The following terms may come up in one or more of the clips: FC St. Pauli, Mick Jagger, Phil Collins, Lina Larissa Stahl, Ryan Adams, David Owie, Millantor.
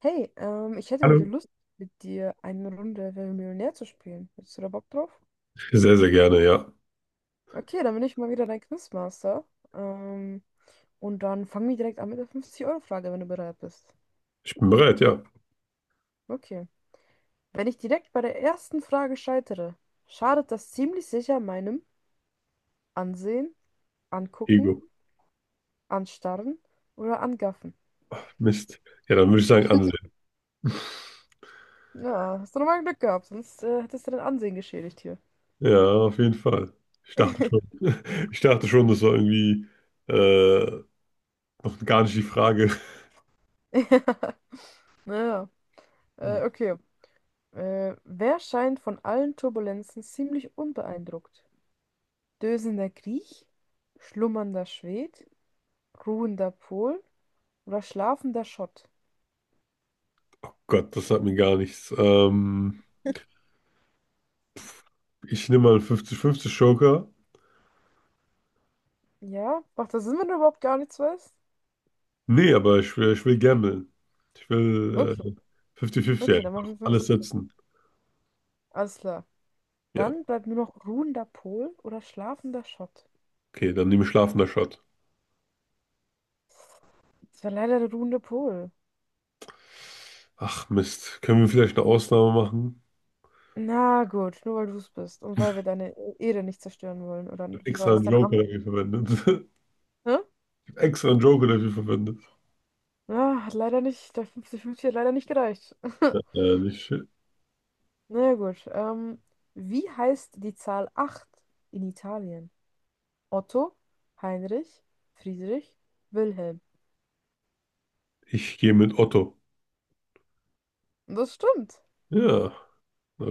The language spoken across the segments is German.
Hey, ich hätte heute Hallo. Lust, mit dir eine Runde Wer wird Millionär zu spielen. Hättest du da Bock drauf? Sehr, sehr gerne, ja. Okay, dann bin ich mal wieder dein Quizmaster. Ähm, und dann fangen wir direkt an mit der 50-Euro-Frage, wenn du bereit bist. Ich bin bereit, ja. Okay. Wenn ich direkt bei der ersten Frage scheitere, schadet das ziemlich sicher meinem Ansehen, Angucken, Ego. Anstarren oder Angaffen. Mist. Ja, dann würde ich sagen, ansehen. Ja, hast du nochmal Glück gehabt, sonst hättest du dein Ansehen geschädigt hier. Ja, auf jeden Fall. Ich dachte schon, Ja, ich dachte schon, das war irgendwie äh, noch gar nicht die Frage. naja. Okay. Wer scheint von allen Turbulenzen ziemlich unbeeindruckt? Dösender Griech, schlummernder Schwed, ruhender Pol oder schlafender Schott? Gott, das hat mir gar nichts. Ich nehme mal einen 50-50 Joker. Ja, macht das Sinn, wenn du überhaupt gar nichts weißt? Nee, aber ich will gamblen. Ich will Okay, 50-50 okay, dann machen einfach wir alles 50. setzen. Alles klar. Ja, Dann bleibt nur noch ruhender Pol oder schlafender Schott. okay, dann nehme ich schlafender Shot. Das war leider der ruhende Pol. Ach Mist, können wir vielleicht eine Ausnahme machen? Na gut, nur weil du es bist und weil wir deine Ehre nicht zerstören wollen. Oder Ich hab wie war Extra das? einen Dein Joker Arm. dafür verwendet. Hä? Extra einen Joker dafür verwendet. Ja, hat leider nicht, der 50-50 hat leider nicht gereicht. Ja, nicht schön. Na ja gut. Wie heißt die Zahl 8 in Italien? Otto, Heinrich, Friedrich, Wilhelm. Ich gehe mit Otto. Und das stimmt. Ja,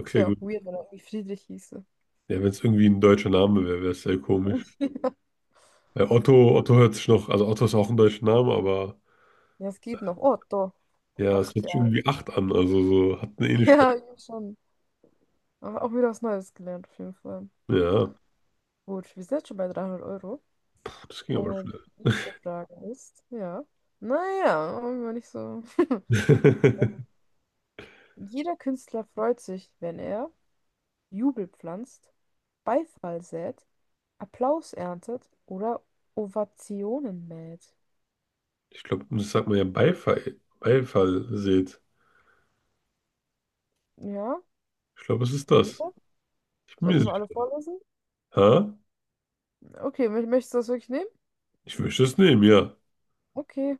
Das wäre gut. auch weird, wenn er irgendwie Friedrich hieße. Ja, wenn es irgendwie ein deutscher Name wäre, wäre es sehr komisch. Weil Otto, Otto hört sich noch, also Otto ist auch ein deutscher Name, aber Ja, es geht noch. Otto. ja, es Acht, hört ja. sich irgendwie 8 an, also so hat eine Ähnlichkeit. Ja, eben schon. Aber auch wieder was Neues gelernt, auf jeden Fall. Ja, Gut, wir sind jetzt schon bei 300 Euro. das ging aber Und schnell. die nächste Frage ist, ja. Naja, war nicht so. Ähm, Jeder Künstler freut sich, wenn er Jubel pflanzt, Beifall sät, Applaus erntet oder Ovationen mäht. Ich glaube, das sagt man ja Beifall, Beifall seht. Ja, Ich glaube, es ist das. sicher? Ich bin Soll ich mir nochmal alle sicher. vorlesen? Ha? Okay, möchtest du das wirklich nehmen? Ich möchte es nehmen, ja. Okay,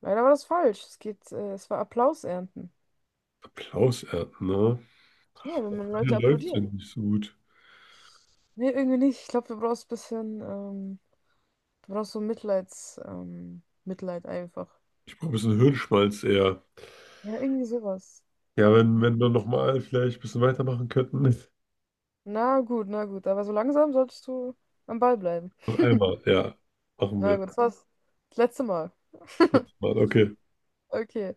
leider war das falsch. Es war Applaus ernten. Applaus ernten, ne? Ja, wenn man Meine Leute läuft sind applaudieren. nicht so gut. Nee, irgendwie nicht. Ich glaube, du brauchst ein bisschen, du brauchst so Mitleid einfach. Ich brauche ein bisschen Hirnschmalz eher. Ja, irgendwie sowas. Ja, wenn wir nochmal vielleicht ein bisschen weitermachen könnten. Na gut, na gut. Aber so langsam solltest du am Ball bleiben. Noch einmal, ja, machen Na wir. gut, das war's. Das letzte Mal. Letztes Mal, okay. Okay.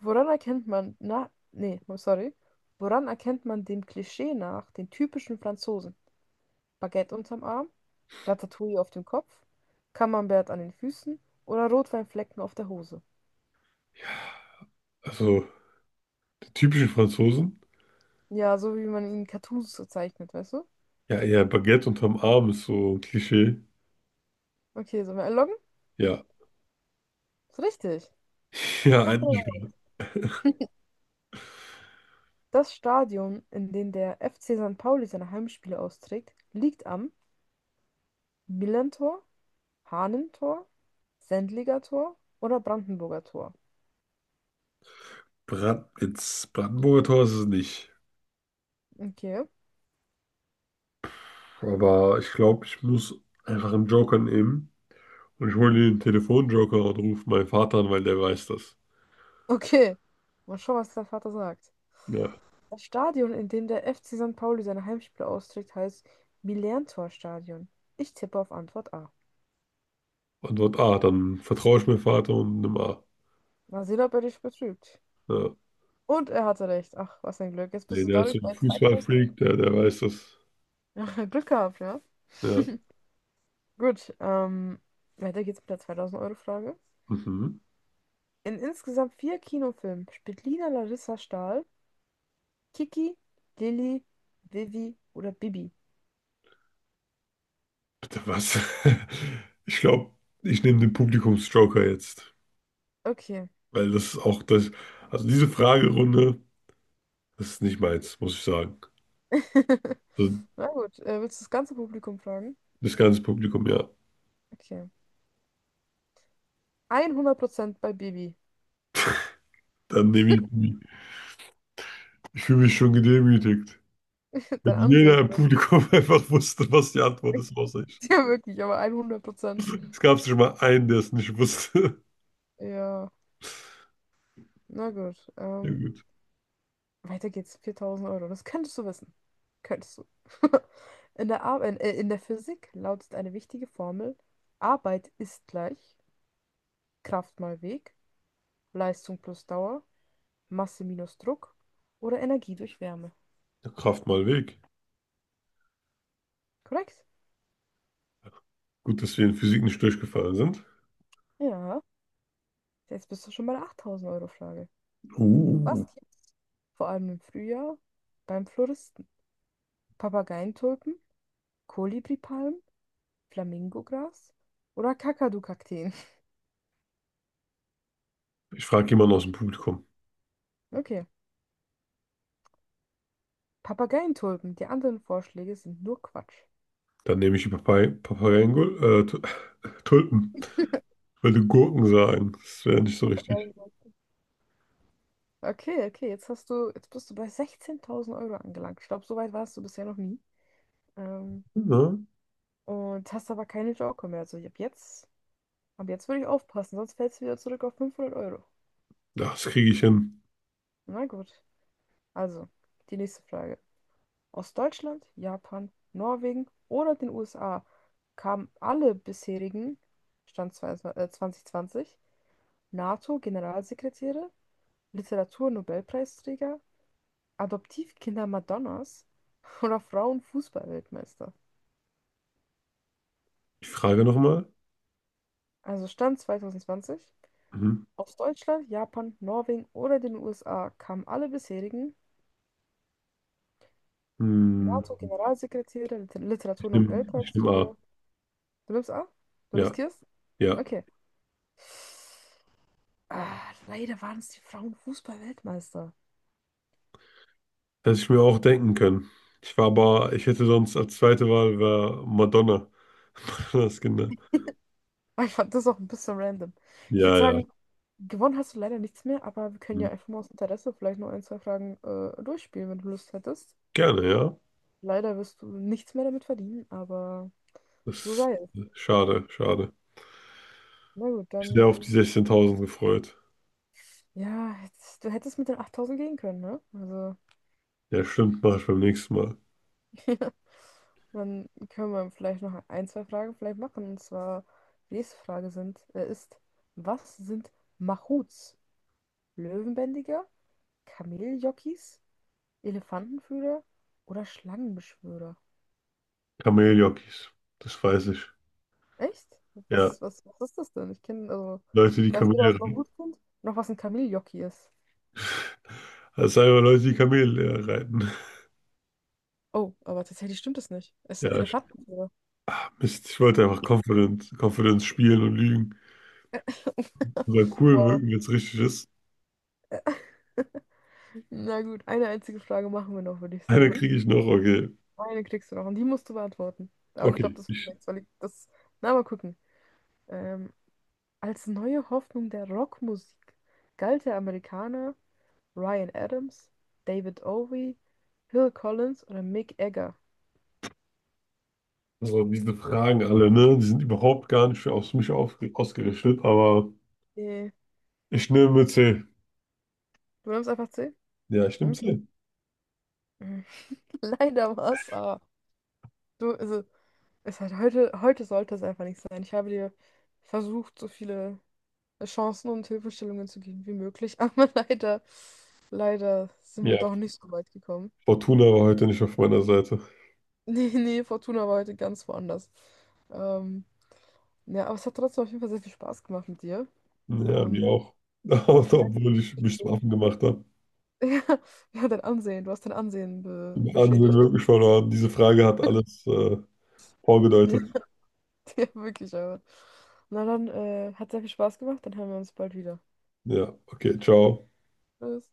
Woran erkennt man, na, nee, sorry. Woran erkennt man dem Klischee nach den typischen Franzosen? Baguette unterm Arm, Ratatouille auf dem Kopf, Camembert an den Füßen oder Rotweinflecken auf der Hose? Also, die typischen Franzosen. Ja, so wie man ihn in Cartoons so zeichnet, weißt du? Ja, ja, Baguette unterm Arm ist so ein Klischee. Okay, sollen wir einloggen? Ja. Ist richtig. Ja, eigentlich schon. Das Stadion, in dem der FC St. Pauli seine Heimspiele austrägt, liegt am Millantor, Hahnentor, Sendlinger Tor oder Brandenburger Tor. Brand, jetzt Brandenburger Tor ist es nicht. Okay. Aber ich glaube, ich muss einfach einen Joker nehmen. Und ich hole den Telefonjoker und rufe meinen Vater an, weil der weiß das. Okay, mal schauen, was der Vater sagt. Ja. Das Stadion, in dem der FC St. Pauli seine Heimspiele austrägt, heißt Millantor-Stadion. Ich tippe auf Antwort A. Antwort A, dann vertraue ich meinem Vater und nimm A. Mal sehen, ob er dich betrügt. Ja. Und er hatte recht. Ach, was ein Glück. Jetzt Nee, bist du der ist so dadurch ein bei zweitausend Euro. Fußballfreak, der weiß das. Ja, Glück gehabt, ja? Ja. Gut, weiter geht's mit der 2.000-Euro-Frage. Mhm. In insgesamt vier Kinofilmen spielt Lina Larissa Stahl, Kiki, Lilly, Vivi oder Bibi. Bitte was? Ich glaube, ich nehme den Publikumsjoker jetzt. Okay. Weil das ist auch das. Also diese Fragerunde, das ist nicht meins, muss ich sagen. Also Na gut, willst du das ganze Publikum fragen? das ganze Publikum, ja. Okay. 100% bei Bibi. Dann nehme ich. Ich fühle mich schon gedemütigt. Dein Wenn jeder Ansehen im wird. Publikum einfach wusste, was die Antwort ist, außer ich. Ja, wirklich, aber 100%. Es gab schon mal einen, der es nicht wusste. Ja, na gut. Ja Ähm, gut. weiter geht's. 4000 Euro. Das könntest du wissen. Könntest du. In der Physik lautet eine wichtige Formel: Arbeit ist gleich Kraft mal Weg, Leistung plus Dauer, Masse minus Druck oder Energie durch Wärme. Der Kraft mal weg. Korrekt? Gut, dass wir in Physik nicht durchgefallen sind. Ja. Jetzt bist du schon bei der 8.000 € Frage. Uh, Was gibt's vor allem im Frühjahr beim Floristen? Papageientulpen, Kolibripalmen, Flamingogras oder Kakadu-Kakteen. ich frage jemanden aus dem Publikum. Okay. Papageientulpen. Die anderen Vorschläge sind nur Quatsch. Dann nehme ich die Papay Papayengul, Tu- Tulpen. Wollte Gurken sagen. Das wäre nicht so richtig. Papageien. Okay, okay. Jetzt hast du, jetzt bist du bei 16.000 € angelangt. Ich glaube, so weit warst du bisher noch nie. Ähm, Ne? und hast aber keine Joker mehr. Also ab jetzt würde ich aufpassen, sonst fällst du wieder zurück auf 500 Euro. Ja, das kriege ich hin. Na gut. Also, die nächste Frage. Aus Deutschland, Japan, Norwegen oder den USA kamen alle bisherigen, Stand 22 NATO-Generalsekretäre, Literaturnobelpreisträger, Adoptivkinder Madonnas oder Frauenfußball-Weltmeister. Ich frage nochmal. Also Stand 2020, Mhm. aus Deutschland, Japan, Norwegen oder den USA kamen alle bisherigen Hm, NATO-Generalsekretäre, Ich nehme ich nehm A. Literaturnobelpreisträger. Du nimmst an? Du Ja, riskierst? ja. Okay. Ah, leider waren es die Frauenfußball-Weltmeister. Hätte ich mir auch denken können. Ich war aber, ich hätte sonst als zweite Wahl wär Madonna. Madonnas Kinder. Aber ich fand das auch ein bisschen random. Ich würde Ja, ja. sagen, gewonnen hast du leider nichts mehr, aber wir können Hm. ja einfach mal aus Interesse vielleicht noch ein, zwei Fragen durchspielen, wenn du Lust hättest. Gerne, ja. Leider wirst du nichts mehr damit verdienen, aber so Das sei es. ist schade, schade. Na gut, Ich bin sehr dann. auf die 16.000 gefreut. Ja, jetzt, du hättest mit den 8.000 gehen können, ne? Also, Ja, stimmt, mache ich beim nächsten Mal. dann können wir vielleicht noch ein, zwei Fragen vielleicht machen. Und zwar, die nächste Frage ist, was sind Mahouts? Löwenbändiger? Kameljockeys, Elefantenführer oder Schlangenbeschwörer? Kameljockeys. Das weiß ich. Echt? Ja. Was ist das denn? Ich kenne, also, Leute, die ich weiß weder, Kamele was man reiten. gut findet, noch was ein Kameljockey ist. Das sind einfach Leute, die Kamele reiten. Oh, aber tatsächlich stimmt es nicht. Es ist ein Ja, ich- Elefantenführer. Mist, ich wollte einfach Confidence spielen und lügen. Und cool Wow. wirken, jetzt richtig ist. Na gut, eine einzige Frage machen wir noch, würde ich Eine sagen. kriege ich noch, okay. Eine kriegst du noch und die musst du beantworten. Aber ich glaube, Okay, das wird ich, nichts, weil ich das. Na, mal gucken. Ähm, als neue Hoffnung der Rockmusik galt der Amerikaner Ryan Adams, David Owie, Phil Collins oder Mick Jagger? also diese Fragen alle, ne? Die sind überhaupt gar nicht für aus mich auf, ausgerichtet, aber Nee, ich nehme C. du nimmst einfach C? Ja, ich nehme Hm? C. Hm. Leider was. Es du, also, es hat heute sollte es einfach nicht sein. Ich habe dir versucht, so viele Chancen und Hilfestellungen zu geben wie möglich, aber leider, leider sind wir Ja, doch nicht so weit gekommen. Fortuna war heute nicht auf meiner Seite. Nee, nee, Fortuna war heute ganz woanders. Ähm, ja, aber es hat trotzdem auf jeden Fall sehr viel Spaß gemacht mit dir. Ja, mir Ähm, auch. Obwohl ich mich zum Affen gemacht habe. Ja, dein Ansehen, du hast dein Ansehen be Im Ansehen beschädigt. wirklich verloren. Diese Frage hat alles vorgedeutet. Ja, wirklich, aber. Na dann, hat sehr viel Spaß gemacht, dann hören wir uns bald wieder. Ja, okay, ciao. Tschüss.